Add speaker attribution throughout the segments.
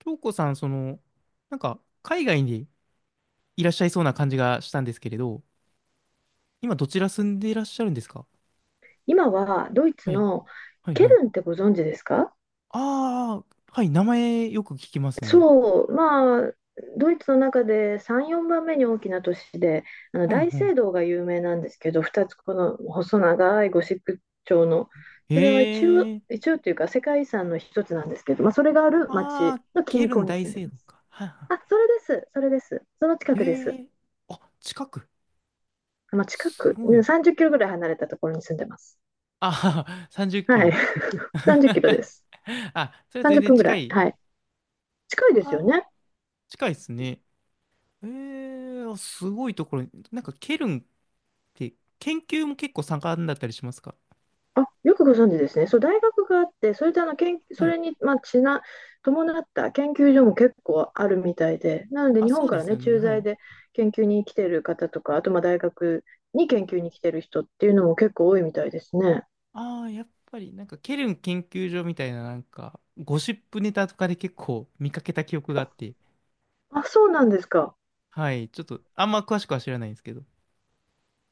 Speaker 1: 京子さん、海外にいらっしゃいそうな感じがしたんですけれど、今どちら住んでいらっしゃるんですか？
Speaker 2: 今はドイツ
Speaker 1: はい、
Speaker 2: の
Speaker 1: はい、
Speaker 2: ケ
Speaker 1: はい。
Speaker 2: ルンってご存知ですか？
Speaker 1: ああ、はい、名前よく聞きますね。
Speaker 2: そう、まあ、ドイツの中で3、4番目に大きな都市で、あの
Speaker 1: うん、
Speaker 2: 大
Speaker 1: うん。
Speaker 2: 聖堂が有名なんですけど、2つこの細長いゴシック調の、それは一応、
Speaker 1: へえ、
Speaker 2: 一応というか世界遺産の一つなんですけど、まあ、それがある町
Speaker 1: ああ、
Speaker 2: の
Speaker 1: ケ
Speaker 2: 近
Speaker 1: ルン
Speaker 2: 郊に
Speaker 1: 大
Speaker 2: 住んで
Speaker 1: 聖
Speaker 2: ま
Speaker 1: 堂
Speaker 2: す。
Speaker 1: か。はい、は
Speaker 2: あ、それです、それです。その近
Speaker 1: い。
Speaker 2: くで
Speaker 1: へ
Speaker 2: す。
Speaker 1: え、あ、近く。
Speaker 2: まあ、近
Speaker 1: す
Speaker 2: く、
Speaker 1: ご
Speaker 2: ね
Speaker 1: い。
Speaker 2: 30キロぐらい離れたところに住んでます。
Speaker 1: ああ、30キ
Speaker 2: はい。
Speaker 1: ロ。
Speaker 2: 30キロで す。
Speaker 1: あ、それは全
Speaker 2: 30
Speaker 1: 然
Speaker 2: 分ぐら
Speaker 1: 近
Speaker 2: い。
Speaker 1: い。
Speaker 2: はい。近いですよ
Speaker 1: ああ、
Speaker 2: ね。
Speaker 1: 近いですね。ええ、すごいところに、ケルンで、研究も結構盛んだったりしますか？
Speaker 2: あ、よくご存知ですね。そう、大学があって、それであの研
Speaker 1: は
Speaker 2: そ
Speaker 1: い。
Speaker 2: れに、まあ、伴った研究所も結構あるみたいで、なので
Speaker 1: あ、
Speaker 2: 日
Speaker 1: そ
Speaker 2: 本
Speaker 1: う
Speaker 2: か
Speaker 1: で
Speaker 2: ら
Speaker 1: す
Speaker 2: ね、
Speaker 1: よね。
Speaker 2: 駐
Speaker 1: は
Speaker 2: 在
Speaker 1: い。
Speaker 2: で研究に来てる方とか、あとまあ大学に研究に来てる人っていうのも結構多いみたいですね。
Speaker 1: ああ、やっぱり、ケルン研究所みたいな、ゴシップネタとかで結構見かけた記憶があって、
Speaker 2: あ、そうなんですか。
Speaker 1: はい。ちょっと、あんま詳しくは知らないんですけど。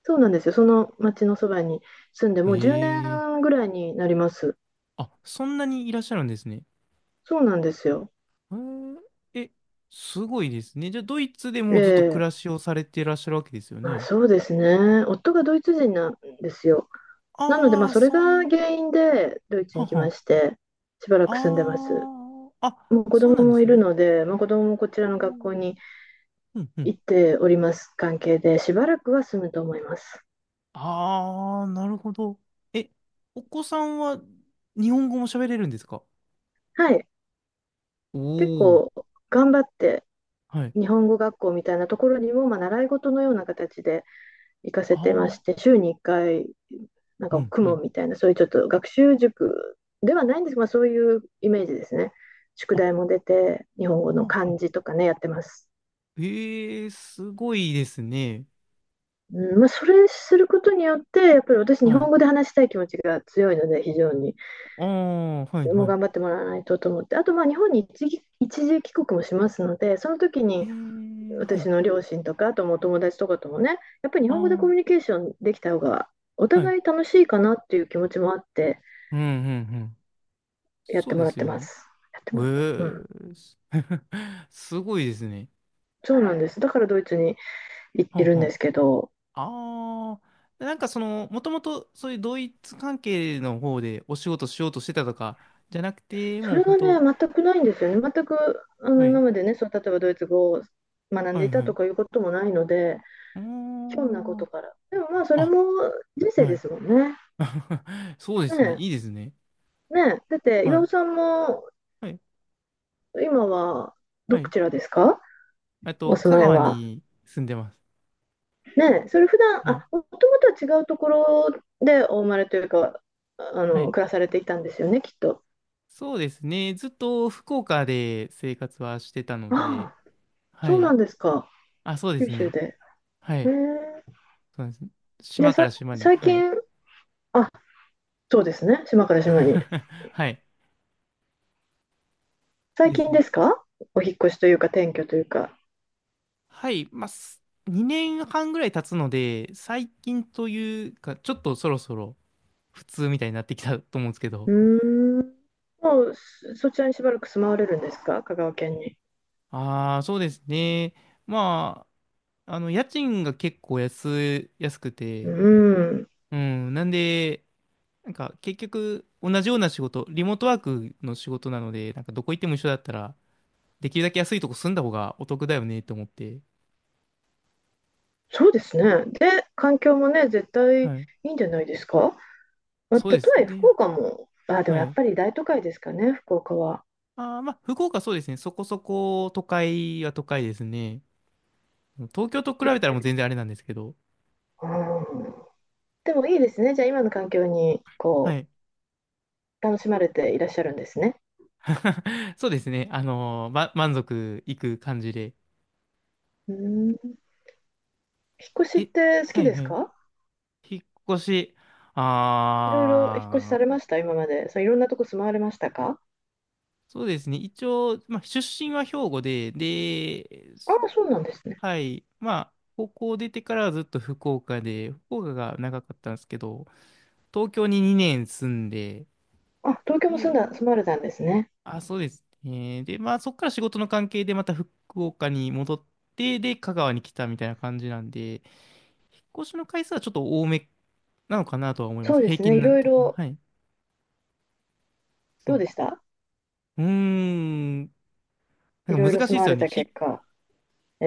Speaker 2: そうなんですよ。その町のそばに住んで、
Speaker 1: へ
Speaker 2: もう10
Speaker 1: え。
Speaker 2: 年ぐらいになります。
Speaker 1: あ、そんなにいらっしゃるんですね。
Speaker 2: そうなんですよ。
Speaker 1: へえ、えすごいですね。じゃあ、ドイツで
Speaker 2: え
Speaker 1: もうずっと暮
Speaker 2: え、
Speaker 1: らしをされていらっしゃるわけですよ
Speaker 2: まあ、
Speaker 1: ね。
Speaker 2: そうですね。夫がドイツ人なんですよ。なので、まあ、
Speaker 1: ああ、
Speaker 2: それ
Speaker 1: そう
Speaker 2: が
Speaker 1: いう。
Speaker 2: 原因でドイツ
Speaker 1: は
Speaker 2: に来ま
Speaker 1: は。
Speaker 2: して、しばらく住んでま
Speaker 1: あ
Speaker 2: す。
Speaker 1: あ、あ、
Speaker 2: もう子
Speaker 1: そう
Speaker 2: 供
Speaker 1: なんで
Speaker 2: も
Speaker 1: す
Speaker 2: い
Speaker 1: ね。
Speaker 2: るので、まあ、子供もこちら
Speaker 1: う
Speaker 2: の学校
Speaker 1: ん
Speaker 2: に
Speaker 1: うんうん、
Speaker 2: 行っております関係で、しばらくは住むと思います。
Speaker 1: ああ、なるほど。え、お子さんは日本語も喋れるんですか？
Speaker 2: はい。結
Speaker 1: おおー。
Speaker 2: 構頑張って、
Speaker 1: はい。
Speaker 2: 日本語学校みたいなところにも、まあ、習い事のような形で行かせてま
Speaker 1: あ
Speaker 2: し
Speaker 1: あ、
Speaker 2: て、週に1回、なん
Speaker 1: う
Speaker 2: か
Speaker 1: ん
Speaker 2: 公
Speaker 1: う
Speaker 2: 文
Speaker 1: ん。
Speaker 2: みたいな、そういうちょっと学習塾ではないんですが、まあ、そういうイメージですね。宿
Speaker 1: あ、あ、
Speaker 2: 題も出て、日本語の
Speaker 1: あ、
Speaker 2: 漢字とかね、やってます。
Speaker 1: ええー、すごいですね。
Speaker 2: うん、まあ、それすることによって、やっぱり私、日
Speaker 1: はい。
Speaker 2: 本語で話したい気持ちが強いので、非常に、
Speaker 1: ああ、はい
Speaker 2: も
Speaker 1: は
Speaker 2: う
Speaker 1: い。
Speaker 2: 頑張ってもらわないとと思って、あと、まあ、日本に一時帰国もしますので、その時
Speaker 1: ええ
Speaker 2: に
Speaker 1: ー、は
Speaker 2: 私
Speaker 1: い。
Speaker 2: の両親とか、あともうお友達とかともね、やっぱり日本語でコミュ
Speaker 1: あ
Speaker 2: ニケーションできた方が、お
Speaker 1: あ、はい。
Speaker 2: 互い楽しいかなっていう気持ちもあって、
Speaker 1: うんうんうん。
Speaker 2: やっ
Speaker 1: そ
Speaker 2: て
Speaker 1: う
Speaker 2: も
Speaker 1: で
Speaker 2: らっ
Speaker 1: す
Speaker 2: て
Speaker 1: よ
Speaker 2: ま
Speaker 1: ね。
Speaker 2: す。やって
Speaker 1: ええ
Speaker 2: もらってる。うん。
Speaker 1: ーす、 すごいですね。
Speaker 2: そうなんです。だからドイツにい
Speaker 1: は
Speaker 2: いるんですけど、
Speaker 1: あは、ああ、その、もともとそういう同一関係の方でお仕事しようとしてたとか、じゃなくて、
Speaker 2: そ
Speaker 1: もう
Speaker 2: れ
Speaker 1: 本
Speaker 2: が
Speaker 1: 当、
Speaker 2: ね、全くないんですよね。全く、あの、
Speaker 1: は
Speaker 2: 今
Speaker 1: い、
Speaker 2: までね、そう、例えばドイツ語を学ん
Speaker 1: は
Speaker 2: でい
Speaker 1: い、
Speaker 2: た
Speaker 1: はい。
Speaker 2: と
Speaker 1: う
Speaker 2: かいうこともないので、
Speaker 1: ー
Speaker 2: ひょんなこ
Speaker 1: ん。
Speaker 2: とから。でもまあ、それ
Speaker 1: あ、
Speaker 2: も人生
Speaker 1: は
Speaker 2: で
Speaker 1: い。
Speaker 2: すもんね。
Speaker 1: そうですね。
Speaker 2: ね
Speaker 1: いいですね。
Speaker 2: え、ねえ。だって、
Speaker 1: は
Speaker 2: 岩尾
Speaker 1: い、
Speaker 2: さんも、
Speaker 1: はい、
Speaker 2: 今は、
Speaker 1: は
Speaker 2: ど
Speaker 1: い。
Speaker 2: ちらですか？
Speaker 1: あ
Speaker 2: お
Speaker 1: と、
Speaker 2: 住
Speaker 1: 香
Speaker 2: まい
Speaker 1: 川
Speaker 2: は。
Speaker 1: に住んでます。
Speaker 2: ねえ、それ普段、
Speaker 1: はい、
Speaker 2: あ、もともとは違うところでお生まれというか、あ
Speaker 1: は
Speaker 2: の、
Speaker 1: い。
Speaker 2: 暮らされていたんですよね、きっと。
Speaker 1: そうですね。ずっと福岡で生活はしてたの
Speaker 2: あ
Speaker 1: で、
Speaker 2: あ、
Speaker 1: は
Speaker 2: そう
Speaker 1: い。
Speaker 2: なんですか。
Speaker 1: あ、そうで
Speaker 2: 九
Speaker 1: す
Speaker 2: 州
Speaker 1: ね。
Speaker 2: で。
Speaker 1: は
Speaker 2: へ
Speaker 1: い。
Speaker 2: え。
Speaker 1: そうなんです。
Speaker 2: じゃあ
Speaker 1: 島か
Speaker 2: さ、
Speaker 1: ら島に、
Speaker 2: 最
Speaker 1: はい。
Speaker 2: 近、あ、そうですね、島から島に。
Speaker 1: はい。
Speaker 2: 最
Speaker 1: です
Speaker 2: 近
Speaker 1: ね。
Speaker 2: ですか？お引っ越しというか、転居というか。
Speaker 1: はい、す、2年半ぐらい経つので、最近というか、ちょっとそろそろ普通みたいになってきたと思うんですけ
Speaker 2: う
Speaker 1: ど、
Speaker 2: ーん。もう、そちらにしばらく住まわれるんですか？香川県に。
Speaker 1: ああ、そうですね。ま家賃が結構安、安く
Speaker 2: う
Speaker 1: て、
Speaker 2: ーん。
Speaker 1: うん、なんで、結局同じような仕事、リモートワークの仕事なので、なんかどこ行っても一緒だったら、できるだけ安いとこ住んだ方がお得だよねと思って、
Speaker 2: そうですね。で、環境もね、絶対い
Speaker 1: はい、
Speaker 2: いんじゃないですか？まあ
Speaker 1: そう
Speaker 2: た
Speaker 1: で
Speaker 2: と
Speaker 1: す
Speaker 2: え、福
Speaker 1: ね。
Speaker 2: 岡も、あ、でも
Speaker 1: は
Speaker 2: やっ
Speaker 1: い。
Speaker 2: ぱり大都会ですかね、福岡は。
Speaker 1: ああ、まあ、福岡そうですね。そこそこ都会は都会ですね。東京と比
Speaker 2: や
Speaker 1: べ
Speaker 2: っ
Speaker 1: たら
Speaker 2: ぱ
Speaker 1: もう
Speaker 2: り。
Speaker 1: 全然あれなんですけど、
Speaker 2: うん。でもいいですね。じゃあ、今の環境に、
Speaker 1: は
Speaker 2: こ
Speaker 1: い。
Speaker 2: う、楽しまれていらっしゃるんですね。
Speaker 1: そうですね。満足いく感じで。
Speaker 2: うん。引っ越しっ
Speaker 1: え、
Speaker 2: て好
Speaker 1: は
Speaker 2: き
Speaker 1: い
Speaker 2: です
Speaker 1: はい。
Speaker 2: か？
Speaker 1: 引っ越し、
Speaker 2: いろいろ引っ越しさ
Speaker 1: あ
Speaker 2: れ
Speaker 1: ー、
Speaker 2: ました、今まで。そう、いろんなとこ住まわれましたか？
Speaker 1: そうですね。一応、まあ、出身は兵庫で、で、
Speaker 2: ああ、そうなんですね。
Speaker 1: はい。まあ、高校出てからはずっと福岡で、福岡が長かったんですけど、東京に2年住んで、
Speaker 2: あ、東京も住んだ、
Speaker 1: で、
Speaker 2: 住まわれたんですね。
Speaker 1: あ、そうですね。で、まあ、そこから仕事の関係でまた福岡に戻って、で、香川に来たみたいな感じなんで、引っ越しの回数はちょっと多めなのかなとは思いま
Speaker 2: そ
Speaker 1: す。
Speaker 2: うで
Speaker 1: 平
Speaker 2: すね、
Speaker 1: 均
Speaker 2: い
Speaker 1: なん
Speaker 2: ろい
Speaker 1: 的な。
Speaker 2: ろ、
Speaker 1: はい。そ
Speaker 2: どう
Speaker 1: う。
Speaker 2: でした？
Speaker 1: うーん。
Speaker 2: い
Speaker 1: なん
Speaker 2: ろ
Speaker 1: か
Speaker 2: いろ
Speaker 1: 難し
Speaker 2: 住
Speaker 1: いで
Speaker 2: ま
Speaker 1: す
Speaker 2: わ
Speaker 1: よ
Speaker 2: れ
Speaker 1: ね。
Speaker 2: た
Speaker 1: 引っ
Speaker 2: 結果。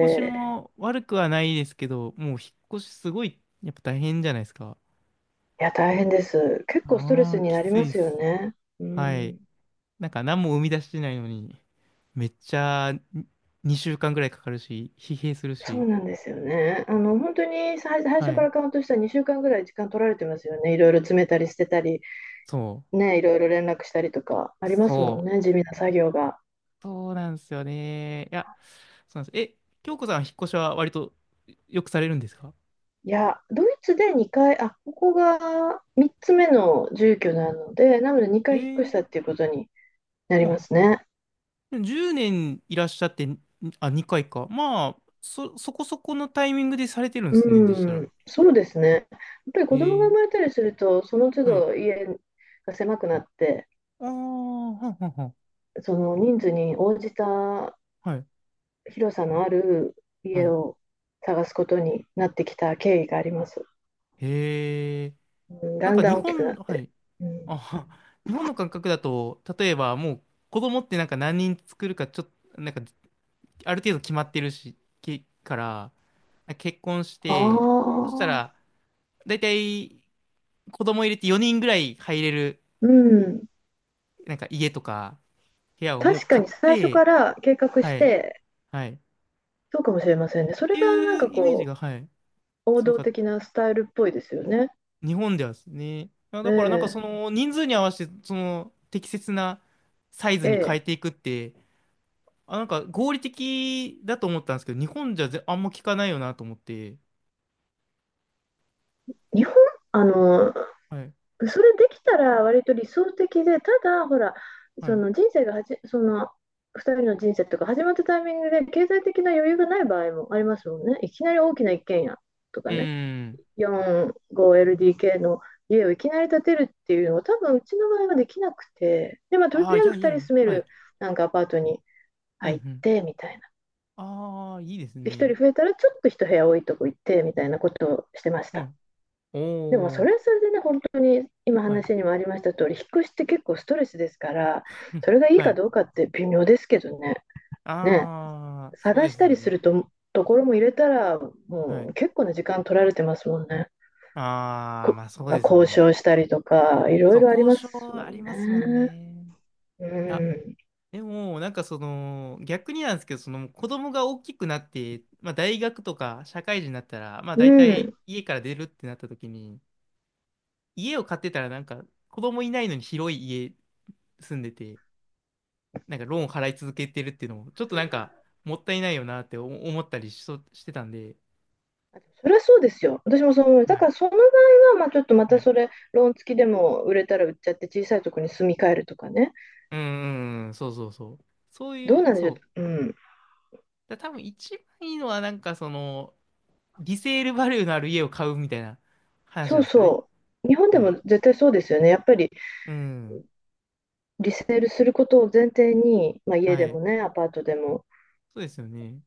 Speaker 1: 越し
Speaker 2: ー
Speaker 1: も悪くはないですけど、もう引っ越しすごい、やっぱ大変じゃないですか。
Speaker 2: いや、大変です。結構ストレ
Speaker 1: あ
Speaker 2: ス
Speaker 1: あ、
Speaker 2: に
Speaker 1: き
Speaker 2: なり
Speaker 1: つ
Speaker 2: ま
Speaker 1: いで
Speaker 2: すよ
Speaker 1: す。
Speaker 2: ね。う
Speaker 1: はい。
Speaker 2: ん、
Speaker 1: なんか何も生み出してないのに、めっちゃに2週間ぐらいかかるし、疲弊する
Speaker 2: そ
Speaker 1: し。
Speaker 2: うなんですよね。あの、本当に最
Speaker 1: は
Speaker 2: 初か
Speaker 1: い。
Speaker 2: らカウントしたら2週間ぐらい時間取られてますよね。いろいろ詰めたり捨てたり、
Speaker 1: そう。
Speaker 2: ね、いろいろ連絡したりとかありま
Speaker 1: そ
Speaker 2: すもんね、地味な作業が。
Speaker 1: う。そうなんですよね。いや、そうなんです。え、京子さんは引っ越しは割とよくされるんですか？
Speaker 2: いや、ドイツで2回、あ、ここが3つ目の住居なので、なので2
Speaker 1: え
Speaker 2: 回引っ越した
Speaker 1: えー、
Speaker 2: っていうことになり
Speaker 1: う
Speaker 2: ますね。
Speaker 1: ん。10年いらっしゃって、ん、あ、2回か。まあ、そ、そこそこのタイミングでされてるんですね、でした
Speaker 2: う
Speaker 1: ら。
Speaker 2: ん、そうですね。やっぱり子供が
Speaker 1: え
Speaker 2: 生
Speaker 1: え、
Speaker 2: まれたりすると、その都
Speaker 1: はい。
Speaker 2: 度家が狭くなって、
Speaker 1: ああ、はんはんはん。
Speaker 2: その人数に応じた
Speaker 1: はい、
Speaker 2: 広さのある
Speaker 1: は
Speaker 2: 家
Speaker 1: い。
Speaker 2: を探すことになってきた経緯があります。
Speaker 1: へえ。
Speaker 2: うん、
Speaker 1: なん
Speaker 2: だん
Speaker 1: か
Speaker 2: だ
Speaker 1: 日
Speaker 2: ん大きくな
Speaker 1: 本、
Speaker 2: っ
Speaker 1: は
Speaker 2: て。
Speaker 1: い。
Speaker 2: うん、
Speaker 1: あ、は日本の感覚だと、例えばもう子供ってなんか何人作るかちょっと、ある程度決まってるし、け、から、結婚して、
Speaker 2: あ
Speaker 1: そしたら、
Speaker 2: あ、
Speaker 1: だいたい子供入れて4人ぐらい入れる、
Speaker 2: うん。
Speaker 1: なんか家とか部屋をもう
Speaker 2: 確か
Speaker 1: 買っ
Speaker 2: に最初
Speaker 1: て、
Speaker 2: から計画
Speaker 1: は
Speaker 2: し
Speaker 1: い、
Speaker 2: て、
Speaker 1: はい。っ
Speaker 2: そうかもしれませんね。それ
Speaker 1: て
Speaker 2: がなん
Speaker 1: いう
Speaker 2: か
Speaker 1: イメージ
Speaker 2: こ
Speaker 1: が、はい、
Speaker 2: う、王
Speaker 1: 強
Speaker 2: 道
Speaker 1: かった。
Speaker 2: 的なスタイルっぽいですよね。
Speaker 1: 日本ではですね。あ、
Speaker 2: え
Speaker 1: だからそ
Speaker 2: え、
Speaker 1: の人数に合わせて、その適切なサイズ
Speaker 2: え
Speaker 1: に変え
Speaker 2: え。
Speaker 1: ていくって、あ、なんか合理的だと思ったんですけど、日本じゃぜあんま聞かないよなと思って。
Speaker 2: 日本、あの、
Speaker 1: はい、
Speaker 2: それできたら割と理想的で、ただ、ほら、
Speaker 1: は
Speaker 2: そ
Speaker 1: い。
Speaker 2: の人生がその、2人の人生とか始まったタイミングで経済的な余裕がない場合もありますもんね。いきなり大きな一軒家と
Speaker 1: う
Speaker 2: か
Speaker 1: ー
Speaker 2: ね、
Speaker 1: ん。
Speaker 2: 4,5LDK の家をいきなり建てるっていうのは多分うちの場合はできなくて、で、まあ、とり
Speaker 1: ああ、い
Speaker 2: あえず
Speaker 1: やい
Speaker 2: 2
Speaker 1: やい
Speaker 2: 人
Speaker 1: や、
Speaker 2: 住め
Speaker 1: はい。
Speaker 2: るなんかアパートに
Speaker 1: うんう
Speaker 2: 入っ
Speaker 1: ん。
Speaker 2: てみたい
Speaker 1: ああ、いいです
Speaker 2: で、人
Speaker 1: ね。
Speaker 2: 増えたらちょっと一部屋多いとこ行ってみたいなことをしてまし
Speaker 1: う
Speaker 2: た。
Speaker 1: ん。お
Speaker 2: でもそ
Speaker 1: お、
Speaker 2: れはそれでね、本当に今
Speaker 1: はい。
Speaker 2: 話にもありました通り、引っ越しって結構ストレスですから、そ れがいい
Speaker 1: は
Speaker 2: か
Speaker 1: い。
Speaker 2: どうかって微妙ですけどね、ね、
Speaker 1: ああ、そう
Speaker 2: 探
Speaker 1: で
Speaker 2: し
Speaker 1: す
Speaker 2: たりす
Speaker 1: ね。
Speaker 2: ると、ところも入れたら、
Speaker 1: は
Speaker 2: もう
Speaker 1: い。
Speaker 2: 結構な時間取られてますもんね。
Speaker 1: ああ、まあそ
Speaker 2: ほ
Speaker 1: う
Speaker 2: ら
Speaker 1: ですよ
Speaker 2: 交
Speaker 1: ね。
Speaker 2: 渉したりとか、いろ
Speaker 1: そ
Speaker 2: い
Speaker 1: う、
Speaker 2: ろあり
Speaker 1: 交
Speaker 2: ます
Speaker 1: 渉あ
Speaker 2: も
Speaker 1: り
Speaker 2: ん
Speaker 1: ますもん
Speaker 2: ね。
Speaker 1: ね。
Speaker 2: う
Speaker 1: いや、
Speaker 2: ん。
Speaker 1: でも、その、逆になんですけど、その子供が大きくなって、まあ大学とか社会人になったら、まあ
Speaker 2: う
Speaker 1: 大
Speaker 2: ん。
Speaker 1: 体家から出るってなった時に、家を買ってたらなんか子供いないのに広い家住んでて、なんかローン払い続けてるっていうのも、ちょっとなんか、もったいないよなって思ったりししてたんで、
Speaker 2: あでもそれはそうですよ。私もそう思う。
Speaker 1: は
Speaker 2: だか
Speaker 1: い。
Speaker 2: らその場合は、まあ、ちょっとま
Speaker 1: は
Speaker 2: た
Speaker 1: い、
Speaker 2: それ、ローン付きでも売れたら売っちゃって、小さいとこに住み替えるとかね。
Speaker 1: うんうんうん、そうそうそう。そう
Speaker 2: どう
Speaker 1: い
Speaker 2: な
Speaker 1: う、
Speaker 2: んでしょ
Speaker 1: そう。
Speaker 2: う。うん。
Speaker 1: だ、多分一番いいのはリセールバリューのある家を買うみたいな話
Speaker 2: そ
Speaker 1: な
Speaker 2: う
Speaker 1: んですかね。
Speaker 2: そう。日本で
Speaker 1: は
Speaker 2: も
Speaker 1: い。
Speaker 2: 絶対そうですよね。やっぱり
Speaker 1: うん。
Speaker 2: リセールすることを前提に、まあ、家
Speaker 1: は
Speaker 2: でも
Speaker 1: い。
Speaker 2: ね、アパートでも。
Speaker 1: そうですよね。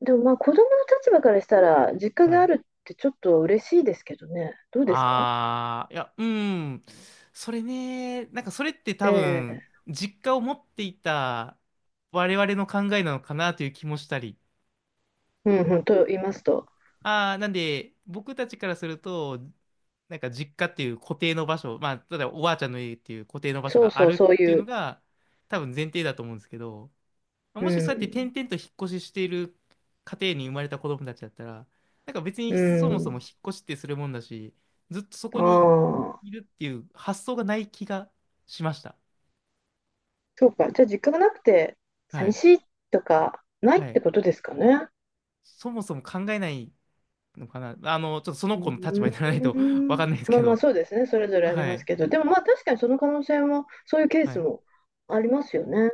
Speaker 2: でもまあ子供の立場からしたら、実家
Speaker 1: は
Speaker 2: があ
Speaker 1: い。
Speaker 2: るってちょっと嬉しいですけどね。どうですか？
Speaker 1: あー、いや、うん。それね、なんかそれって多
Speaker 2: え
Speaker 1: 分、
Speaker 2: え、
Speaker 1: 実家を持っていた我々の考えなのかなという気もしたり。
Speaker 2: うんうん、と言いますと。
Speaker 1: ああ、なんで、僕たちからすると、なんか実家っていう固定の場所、まあ、例えばおばあちゃんの家っていう固定の場所
Speaker 2: そう
Speaker 1: があ
Speaker 2: そう、
Speaker 1: るっ
Speaker 2: そう
Speaker 1: ていう
Speaker 2: い
Speaker 1: の
Speaker 2: う。
Speaker 1: が、多分前提だと思うんですけど、
Speaker 2: う
Speaker 1: もしそうやって転
Speaker 2: ん。
Speaker 1: 々と引っ越ししている家庭に生まれた子供たちだったら、なんか別
Speaker 2: う
Speaker 1: にそもそ
Speaker 2: ん。
Speaker 1: も引っ越しってするもんだし、ずっとそ
Speaker 2: あ
Speaker 1: こに
Speaker 2: あ。
Speaker 1: いるっていう発想がない気がしました。
Speaker 2: そうか。じゃあ、実家がなくて、
Speaker 1: は
Speaker 2: 寂
Speaker 1: い。
Speaker 2: しいとか、ないっ
Speaker 1: は
Speaker 2: て
Speaker 1: い。
Speaker 2: ことですかね。
Speaker 1: そもそも考えないのかな。あの、ちょっとその
Speaker 2: う
Speaker 1: 子の立場にな
Speaker 2: ー
Speaker 1: らないと わか
Speaker 2: ん。
Speaker 1: んないです
Speaker 2: ま
Speaker 1: け
Speaker 2: あまあ、
Speaker 1: ど。
Speaker 2: そうですね。それぞれあり
Speaker 1: は
Speaker 2: ます
Speaker 1: い。
Speaker 2: けど。でもまあ、確かにその可能性も、そういうケー
Speaker 1: は
Speaker 2: ス
Speaker 1: い、
Speaker 2: もありますよね。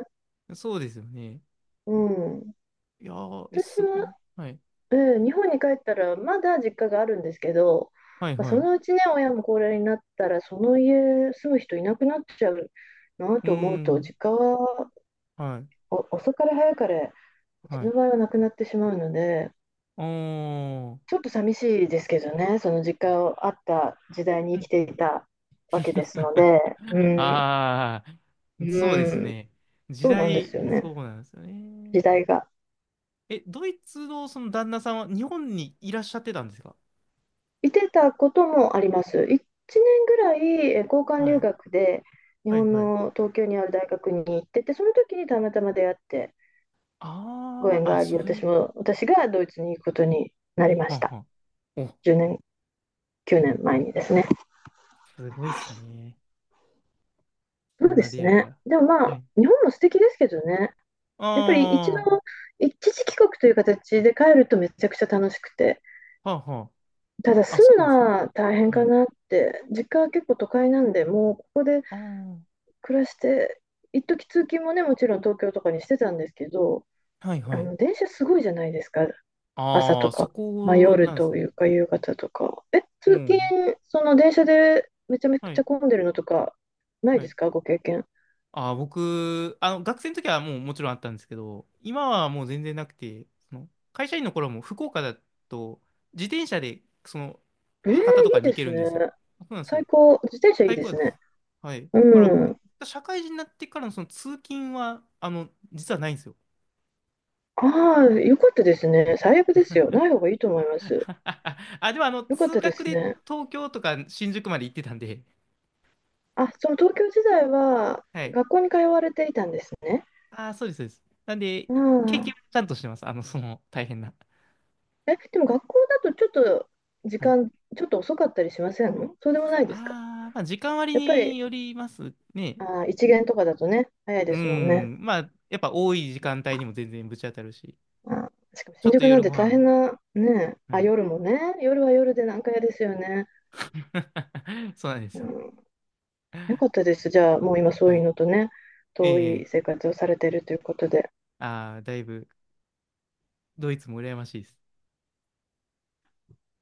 Speaker 1: そうですよね。
Speaker 2: うん。
Speaker 1: いやー、え、
Speaker 2: 私
Speaker 1: すごい
Speaker 2: は、
Speaker 1: な。はい。
Speaker 2: 日本に帰ったら、まだ実家があるんですけど、
Speaker 1: はい
Speaker 2: まあ、
Speaker 1: は
Speaker 2: そ
Speaker 1: い。う
Speaker 2: のうちね、親も高齢になったら、その家住む人いなくなっちゃうな
Speaker 1: ー
Speaker 2: と思うと、
Speaker 1: ん。
Speaker 2: 実家は
Speaker 1: はい。
Speaker 2: お遅かれ早かれ、うち
Speaker 1: は
Speaker 2: の
Speaker 1: い。
Speaker 2: 場合はなくなってしまうので、
Speaker 1: おー。
Speaker 2: ちょっと寂しいですけどね、その実家をあった時代
Speaker 1: う
Speaker 2: に生き
Speaker 1: ん
Speaker 2: て
Speaker 1: うん、
Speaker 2: いたわけです ので、うん、
Speaker 1: ああ、
Speaker 2: う
Speaker 1: そうです
Speaker 2: ん、
Speaker 1: ね。時
Speaker 2: そうなんですよ
Speaker 1: 代、
Speaker 2: ね、
Speaker 1: そうなんですよね。
Speaker 2: 時代が。
Speaker 1: え、ドイツのその旦那さんは日本にいらっしゃってたんですか？
Speaker 2: いてたこともあります。1年ぐらい交換
Speaker 1: は
Speaker 2: 留
Speaker 1: い。
Speaker 2: 学で日
Speaker 1: はい
Speaker 2: 本
Speaker 1: はい。
Speaker 2: の東京にある大学に行ってて、その時にたまたま出会って、ご
Speaker 1: あ
Speaker 2: 縁
Speaker 1: あ、
Speaker 2: が
Speaker 1: あ、
Speaker 2: あり、
Speaker 1: そういう。
Speaker 2: 私も、私がドイツに行くことになりま
Speaker 1: は
Speaker 2: し
Speaker 1: んは
Speaker 2: た。
Speaker 1: ん、お、
Speaker 2: 10年、9年前にですね。
Speaker 1: すごいっすね。
Speaker 2: そ
Speaker 1: そ
Speaker 2: う
Speaker 1: ん
Speaker 2: で
Speaker 1: な
Speaker 2: す
Speaker 1: 出会い
Speaker 2: ね。
Speaker 1: が。
Speaker 2: でもま
Speaker 1: は
Speaker 2: あ、
Speaker 1: い。
Speaker 2: 日本も素敵ですけどね。
Speaker 1: あ
Speaker 2: やっぱり一度、
Speaker 1: あ、は
Speaker 2: 一時帰国という形で帰るとめちゃくちゃ楽しくて、
Speaker 1: あは
Speaker 2: ただ
Speaker 1: あ。あ、
Speaker 2: 住
Speaker 1: そうな
Speaker 2: む
Speaker 1: んで
Speaker 2: の
Speaker 1: すね。
Speaker 2: は大変
Speaker 1: は
Speaker 2: か
Speaker 1: い。
Speaker 2: なって、実家は結構都会なんで、もうここで
Speaker 1: ああ。
Speaker 2: 暮らして、一時通勤もね、もちろん東京とかにしてたんですけど、
Speaker 1: はい
Speaker 2: あ
Speaker 1: はい。
Speaker 2: の電車すごいじゃないですか、朝
Speaker 1: あ
Speaker 2: と
Speaker 1: あ、そ
Speaker 2: か、まあ、
Speaker 1: こ
Speaker 2: 夜
Speaker 1: なんです
Speaker 2: と
Speaker 1: ね。
Speaker 2: いうか夕方とか。
Speaker 1: う
Speaker 2: 通
Speaker 1: ん。
Speaker 2: 勤、その電車でめちゃめ
Speaker 1: は
Speaker 2: ち
Speaker 1: い。
Speaker 2: ゃ混んでるのとか、ない
Speaker 1: は
Speaker 2: で
Speaker 1: い。
Speaker 2: すか、ご経験。
Speaker 1: ああ、僕、あの、学生の時はもうもちろんあったんですけど、今はもう全然なくて、その会社員の頃も福岡だと、自転車で、その、
Speaker 2: えー、いい
Speaker 1: 博多とかに
Speaker 2: で
Speaker 1: 行け
Speaker 2: す
Speaker 1: るんですよ。
Speaker 2: ね。
Speaker 1: そうなんですよ。
Speaker 2: 最高、自転車いい
Speaker 1: 最
Speaker 2: で
Speaker 1: 高だっ
Speaker 2: す
Speaker 1: たです。
Speaker 2: ね。
Speaker 1: はい。
Speaker 2: う
Speaker 1: だから僕、
Speaker 2: ん。
Speaker 1: 社会人になってからのその通勤は、あの、実はないんですよ。
Speaker 2: ああ、よかったですね。最悪ですよ。ない方がいいと思います。
Speaker 1: あ、でもあの、
Speaker 2: よかっ
Speaker 1: 通
Speaker 2: たで
Speaker 1: 学
Speaker 2: す
Speaker 1: で
Speaker 2: ね。
Speaker 1: 東京とか新宿まで行ってたんで、
Speaker 2: あ、その東京時代は
Speaker 1: はい。
Speaker 2: 学校に通われていたんですね。
Speaker 1: ああ、そうです、そうです。なんで、
Speaker 2: う
Speaker 1: 経験
Speaker 2: ん。
Speaker 1: はちゃんとしてます。あの、その、大変な。
Speaker 2: でも学校だとちょっと時
Speaker 1: はい。
Speaker 2: 間、ちょっと遅かったりしませんの？そうでもないですか？
Speaker 1: ああ、まあ、時間割
Speaker 2: やっぱ
Speaker 1: に
Speaker 2: り、
Speaker 1: よりますね。
Speaker 2: あー、一限とかだとね、早い
Speaker 1: う
Speaker 2: ですもんね。
Speaker 1: ん。まあ、やっぱ多い時間帯にも全然ぶち当たるし。
Speaker 2: あー、しかも
Speaker 1: ちょ
Speaker 2: 新
Speaker 1: っと
Speaker 2: 宿なん
Speaker 1: 夜ご
Speaker 2: て大
Speaker 1: 飯。
Speaker 2: 変な、ね、
Speaker 1: は
Speaker 2: あ、
Speaker 1: い。
Speaker 2: 夜もね、夜は夜で難解ですよね。
Speaker 1: そうなんです
Speaker 2: う
Speaker 1: よ。
Speaker 2: ん。よかったです。じゃあ、もう今そういう
Speaker 1: は
Speaker 2: のとね、
Speaker 1: い。
Speaker 2: 遠い
Speaker 1: ええ、
Speaker 2: 生活をされているということで。
Speaker 1: ああー、だいぶ、ドイツも羨ましいです。